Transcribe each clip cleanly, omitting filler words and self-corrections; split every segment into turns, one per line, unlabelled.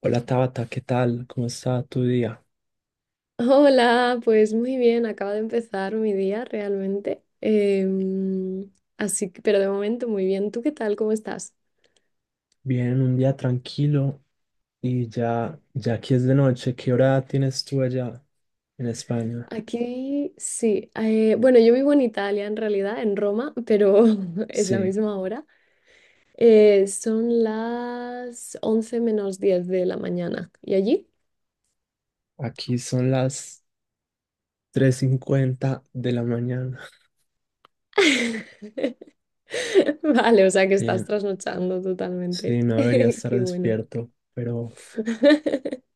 Hola Tabata, ¿qué tal? ¿Cómo está tu día?
Hola, pues muy bien, acaba de empezar mi día realmente. Así que, pero de momento muy bien. ¿Tú qué tal? ¿Cómo estás?
Bien, un día tranquilo y ya, ya aquí es de noche. ¿Qué hora tienes tú allá en España?
Aquí sí. Bueno, yo vivo en Italia en realidad, en Roma, pero es la
Sí,
misma hora. Son las 10:50 de la mañana. ¿Y allí?
aquí son las 3:50 de la mañana.
Vale, o sea que
Sí,
estás trasnochando totalmente.
sí, no debería estar
Qué bueno.
despierto, pero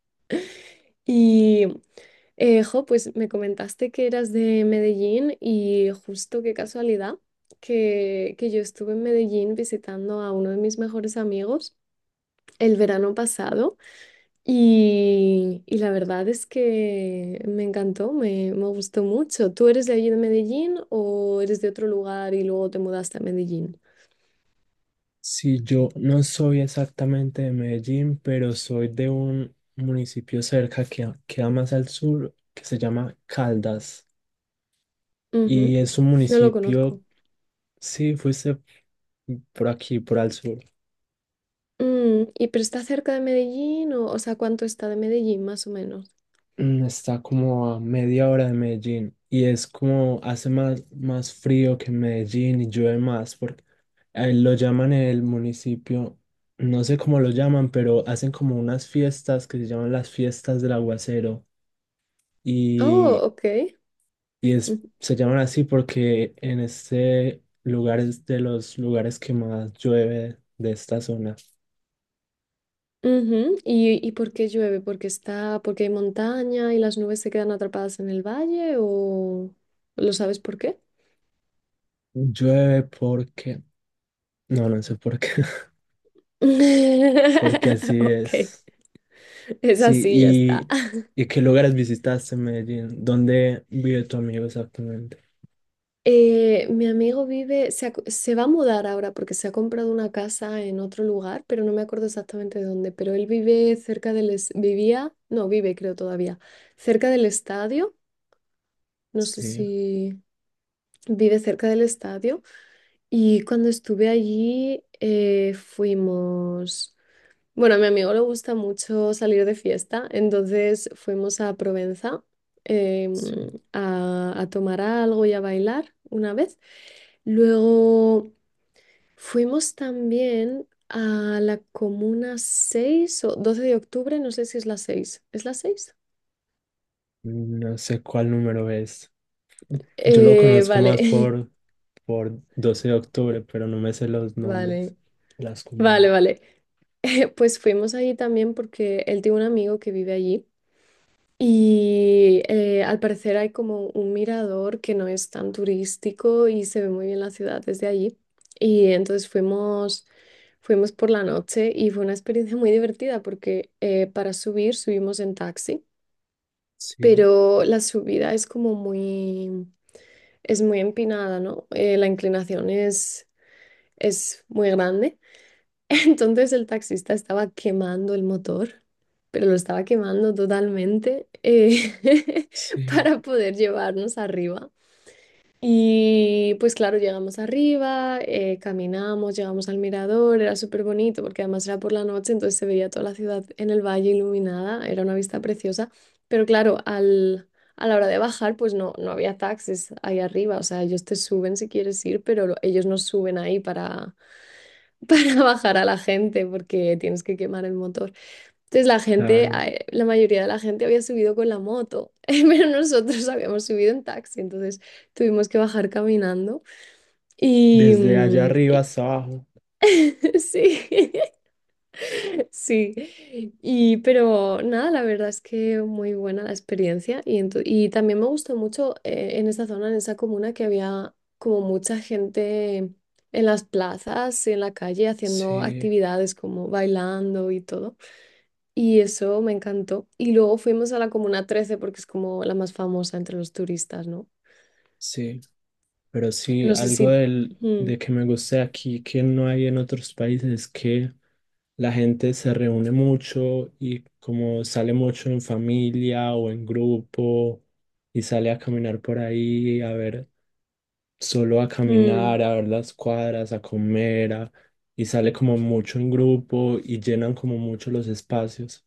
Y, jo, pues me comentaste que eras de Medellín y justo qué casualidad que yo estuve en Medellín visitando a uno de mis mejores amigos el verano pasado y la verdad es que me encantó, me gustó mucho. ¿Tú eres de allí de Medellín o eres de otro lugar y luego te mudaste a Medellín?
sí, yo no soy exactamente de Medellín, pero soy de un municipio cerca que queda más al sur que se llama Caldas. Y
Ujú.
es un
No lo
municipio,
conozco.
si fuiste por aquí, por al sur,
¿Y pero está cerca de Medellín o sea, cuánto está de Medellín más o menos?
está como a media hora de Medellín y es como hace más frío que en Medellín y llueve más, porque lo llaman el municipio, no sé cómo lo llaman, pero hacen como unas fiestas que se llaman las fiestas del aguacero
Oh,
y,
ok.
y es, se llaman así porque en este lugar es de los lugares que más llueve de esta zona.
Ujú. ¿Y por qué llueve? ¿Porque está, porque hay montaña y las nubes se quedan atrapadas en el valle o lo sabes por qué?
Llueve porque... No, no sé por qué. Porque así
Ok,
es.
es
Sí,
así, ya está.
¿y qué lugares visitaste en Medellín? ¿Dónde vive tu amigo exactamente?
Mi amigo vive, se va a mudar ahora porque se ha comprado una casa en otro lugar, pero no me acuerdo exactamente de dónde, pero él vive cerca del, vivía, no, vive creo todavía, cerca del estadio, no sé
Sí,
si vive cerca del estadio. Y cuando estuve allí, fuimos, bueno, a mi amigo le gusta mucho salir de fiesta, entonces fuimos a Provenza em,
sí.
a tomar algo y a bailar una vez. Luego fuimos también a la comuna 6 o 12 de octubre, no sé si es la seis. ¿Es la seis?
No sé cuál número es. Yo lo
Eh,
conozco más
vale,
por 12 de Octubre, pero no me sé los nombres,
vale,
las
vale,
comunas.
vale. Pues fuimos allí también porque él tiene un amigo que vive allí. Y al parecer hay como un mirador que no es tan turístico y se ve muy bien la ciudad desde allí. Y entonces fuimos por la noche y fue una experiencia muy divertida porque para subir subimos en taxi,
Sí,
pero la subida es como muy, es muy empinada, ¿no? La inclinación es muy grande. Entonces el taxista estaba quemando el motor, pero lo estaba quemando totalmente
sí,
para poder llevarnos arriba. Y pues claro, llegamos arriba, caminamos, llegamos al mirador, era súper bonito porque además era por la noche, entonces se veía toda la ciudad en el valle iluminada, era una vista preciosa, pero claro, a la hora de bajar pues no, no había taxis ahí arriba, o sea, ellos te suben si quieres ir, pero ellos no suben ahí para bajar a la gente porque tienes que quemar el motor. Entonces la gente,
claro.
la mayoría de la gente había subido con la moto, pero nosotros habíamos subido en taxi, entonces tuvimos que bajar caminando y
Desde allá
mm,
arriba
y-
hasta abajo.
sí. Sí, y pero nada, la verdad es que muy buena la experiencia y, y también me gustó mucho en esa zona, en esa comuna, que había como mucha gente en las plazas, y en la calle, haciendo
Sí,
actividades como bailando y todo. Y eso me encantó. Y luego fuimos a la comuna 13 porque es como la más famosa entre los turistas, ¿no?
sí. Pero sí,
No sé si...
algo del,
Mm,
de que me gusta aquí, que no hay en otros países, es que la gente se reúne mucho y como sale mucho en familia o en grupo y sale a caminar por ahí, a ver, solo a caminar,
mm.
a ver las cuadras, a comer, y sale como mucho en grupo y llenan como mucho los espacios.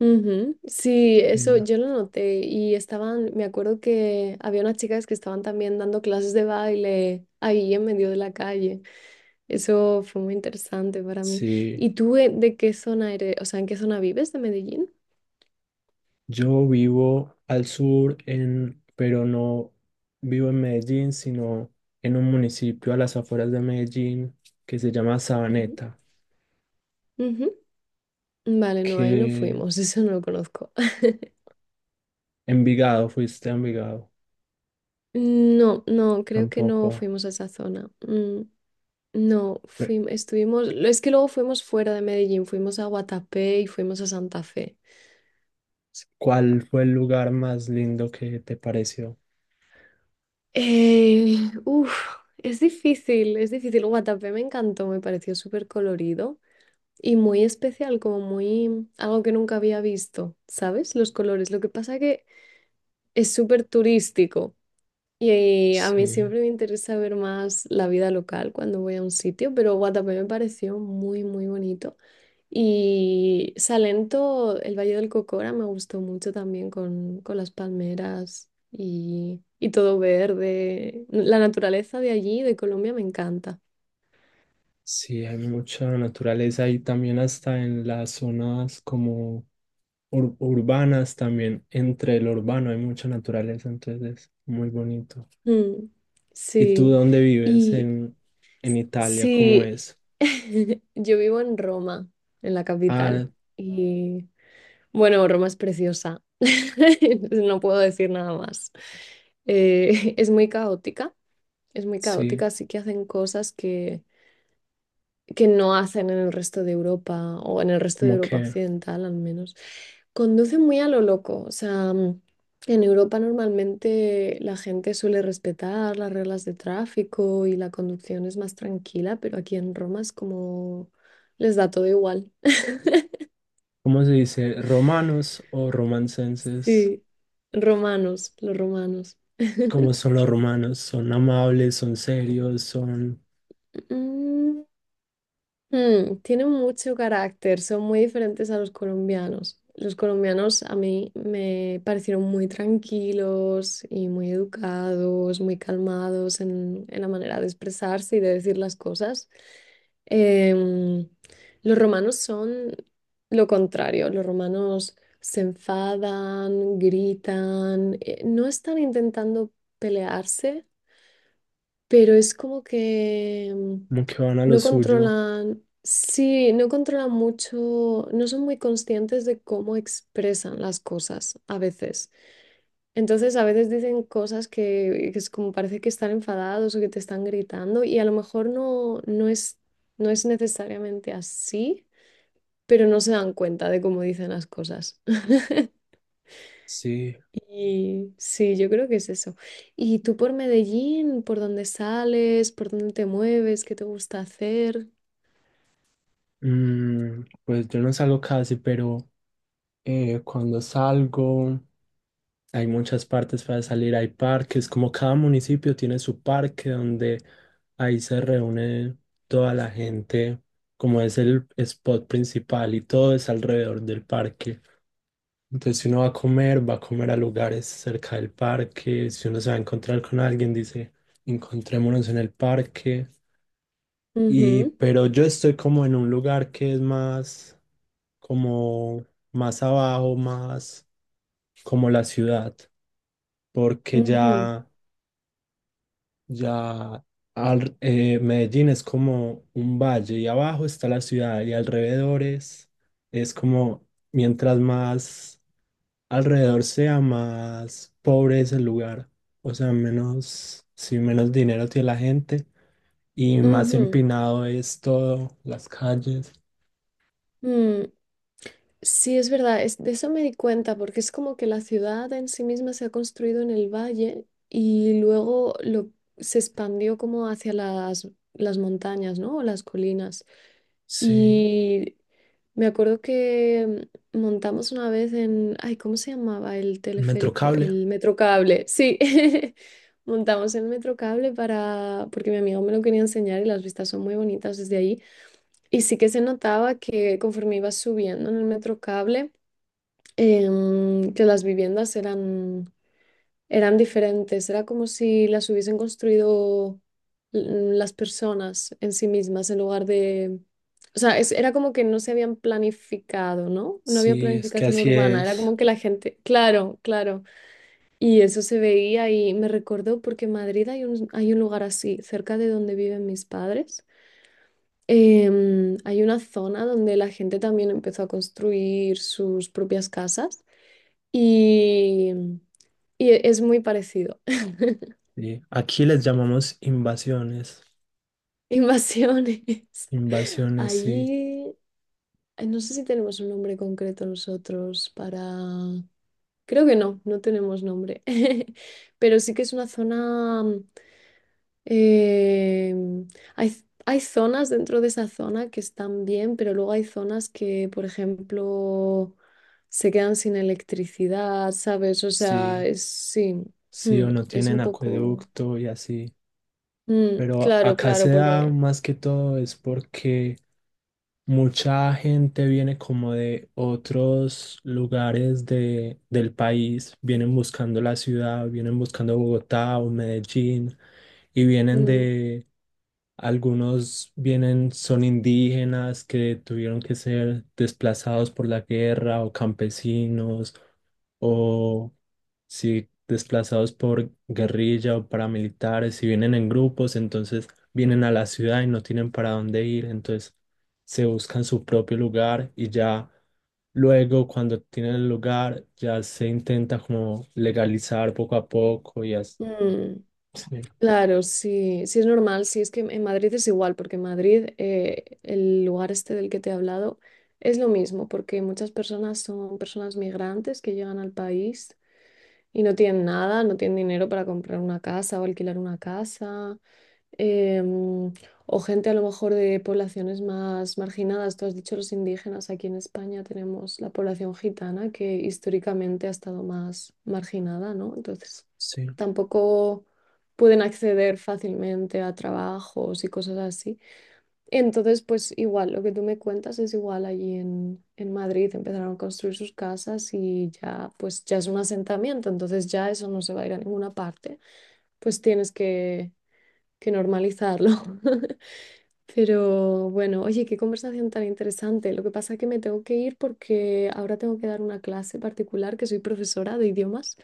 Ujú. Sí,
Sí.
eso yo lo noté y estaban, me acuerdo que había unas chicas que estaban también dando clases de baile ahí en medio de la calle. Eso fue muy interesante para mí.
Sí.
¿Y tú de qué zona eres? O sea, ¿en qué zona vives de Medellín?
Yo vivo al sur, pero no vivo en Medellín, sino en un municipio a las afueras de Medellín que se llama
Ujú.
Sabaneta,
Ujú. Vale, no, ahí no
que
fuimos, eso no lo conozco.
Envigado, fuiste a Envigado,
No, no, creo que no
tampoco.
fuimos a esa zona. No,
Pe-
fuimos, estuvimos, es que luego fuimos fuera de Medellín, fuimos a Guatapé y fuimos a Santa Fe.
¿Cuál fue el lugar más lindo que te pareció?
Uf, es difícil, es difícil. Guatapé me encantó, me pareció súper colorido y muy especial, como muy algo que nunca había visto, ¿sabes? Los colores. Lo que pasa que es súper turístico y a
Sí,
mí siempre me interesa ver más la vida local cuando voy a un sitio, pero Guatapé me pareció muy, muy bonito. Y Salento, el Valle del Cocora, me gustó mucho también con, las palmeras y todo verde. La naturaleza de allí, de Colombia, me encanta.
sí, hay mucha naturaleza y también hasta en las zonas como urbanas, también entre lo urbano hay mucha naturaleza, entonces es muy bonito.
Mm,
¿Y tú
sí,
dónde vives
y
en Italia? ¿Cómo
sí,
es?
yo vivo en Roma, en la capital.
Ah,
Y bueno, Roma es preciosa, no puedo decir nada más. Eh, es muy caótica, es muy
sí,
caótica, así que hacen cosas que no hacen en el resto de Europa o en el resto de
como
Europa
que,
occidental al menos. Conducen muy a lo loco, o sea, en Europa normalmente la gente suele respetar las reglas de tráfico y la conducción es más tranquila, pero aquí en Roma es como les da todo igual.
¿cómo se dice? ¿Romanos o romancenses?
Sí, romanos, los romanos.
¿Cómo son los romanos? ¿Son amables? ¿Son serios? ¿Son
Mm. Tienen mucho carácter, son muy diferentes a los colombianos. Los colombianos a mí me parecieron muy tranquilos y muy educados, muy calmados en, la manera de expresarse y de decir las cosas. Em, los romanos son lo contrario, los romanos se enfadan, gritan, no están intentando pelearse pero es como que
como que van a lo
no
suyo?
controlan, sí, no controlan mucho, no son muy conscientes de cómo expresan las cosas a veces. Entonces a veces dicen cosas que es como parece que están enfadados o que te están gritando y a lo mejor no, no es, no es necesariamente así, pero no se dan cuenta de cómo dicen las cosas.
Sí,
Y sí, yo creo que es eso. ¿Y tú por Medellín, por dónde sales, por dónde te mueves, qué te gusta hacer?
pues yo no salgo casi, pero cuando salgo... Hay muchas partes para salir, hay parques, como cada municipio tiene su parque donde ahí se reúne toda la gente, como es el spot principal y todo es alrededor del parque. Entonces, si uno va a comer a lugares cerca del parque, si uno se va a encontrar con alguien, dice, encontrémonos en el parque. Y,
Ujú,
pero yo estoy como en un lugar que es más, como más abajo, más como la ciudad, porque
ujú,
ya... Ya Medellín es como un valle y abajo está la ciudad y alrededores es como mientras más alrededor sea, más pobre es el lugar. O sea, menos, sí, menos dinero tiene la gente y más
ujú,
empinado es todo, las calles.
mm. Sí, es verdad, de eso me di cuenta, porque es como que la ciudad en sí misma se ha construido en el valle y luego lo, se expandió como hacia las, montañas, ¿no? O las colinas.
Sí,
Y me acuerdo que montamos una vez en, ay, ¿cómo se llamaba el
el
teleférico?
metrocable.
El Metrocable, sí. Montamos el Metrocable para, porque mi amigo me lo quería enseñar y las vistas son muy bonitas desde ahí. Y sí que se notaba que conforme iba subiendo en el metro cable, que las viviendas eran diferentes. Era como si las hubiesen construido las personas en sí mismas en lugar de... O sea, era como que no se habían planificado, ¿no? No había
Sí, es que
planificación
así
urbana. Era
es.
como que la gente... Claro, claro. Y eso se veía y me recordó porque en Madrid hay un lugar así, cerca de donde viven mis padres. Hay una zona donde la gente también empezó a construir sus propias casas y, y, es muy parecido.
Sí. Aquí les llamamos invasiones.
Invasiones.
Invasiones, sí.
Allí, no sé si tenemos un nombre concreto nosotros para... Creo que no, no tenemos nombre. Pero sí que es una zona. Eh, hay, hay zonas dentro de esa zona que están bien, pero luego hay zonas que, por ejemplo, se quedan sin electricidad, ¿sabes? O sea,
Sí.
es, sí,
Sí o no
es
tienen
un poco...
acueducto y así. Pero
claro,
acá se
claro,
da
porque...
más que todo es porque mucha gente viene como de otros lugares de, del país, vienen buscando la ciudad, vienen buscando Bogotá o Medellín y vienen
mm,
de... Algunos vienen, son indígenas que tuvieron que ser desplazados por la guerra o campesinos o si desplazados por guerrilla o paramilitares, si vienen en grupos, entonces vienen a la ciudad y no tienen para dónde ir, entonces se buscan su propio lugar y ya luego cuando tienen el lugar ya se intenta como legalizar poco a poco y así.
mm,
Sí,
claro, sí, sí es normal, sí es que en Madrid es igual, porque en Madrid, el lugar este del que te he hablado, es lo mismo, porque muchas personas son personas migrantes que llegan al país y no tienen nada, no tienen dinero para comprar una casa o alquilar una casa, em, o gente a lo mejor de poblaciones más marginadas. Tú has dicho los indígenas, aquí en España tenemos la población gitana que históricamente ha estado más marginada, ¿no? Entonces,
sí.
tampoco pueden acceder fácilmente a trabajos y cosas así. Entonces, pues igual, lo que tú me cuentas es igual allí en, Madrid, empezaron a construir sus casas y ya, pues ya es un asentamiento, entonces ya eso no se va a ir a ninguna parte, pues tienes que normalizarlo. Pero bueno, oye, qué conversación tan interesante. Lo que pasa es que me tengo que ir porque ahora tengo que dar una clase particular, que soy profesora de idiomas.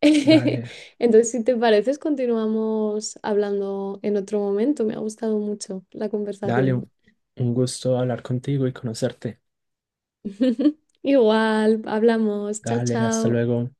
Dale,
Entonces, si te pareces, continuamos hablando en otro momento. Me ha gustado mucho la
dale,
conversación.
un gusto hablar contigo y conocerte.
Igual, hablamos. Chao,
Dale, hasta
chao.
luego.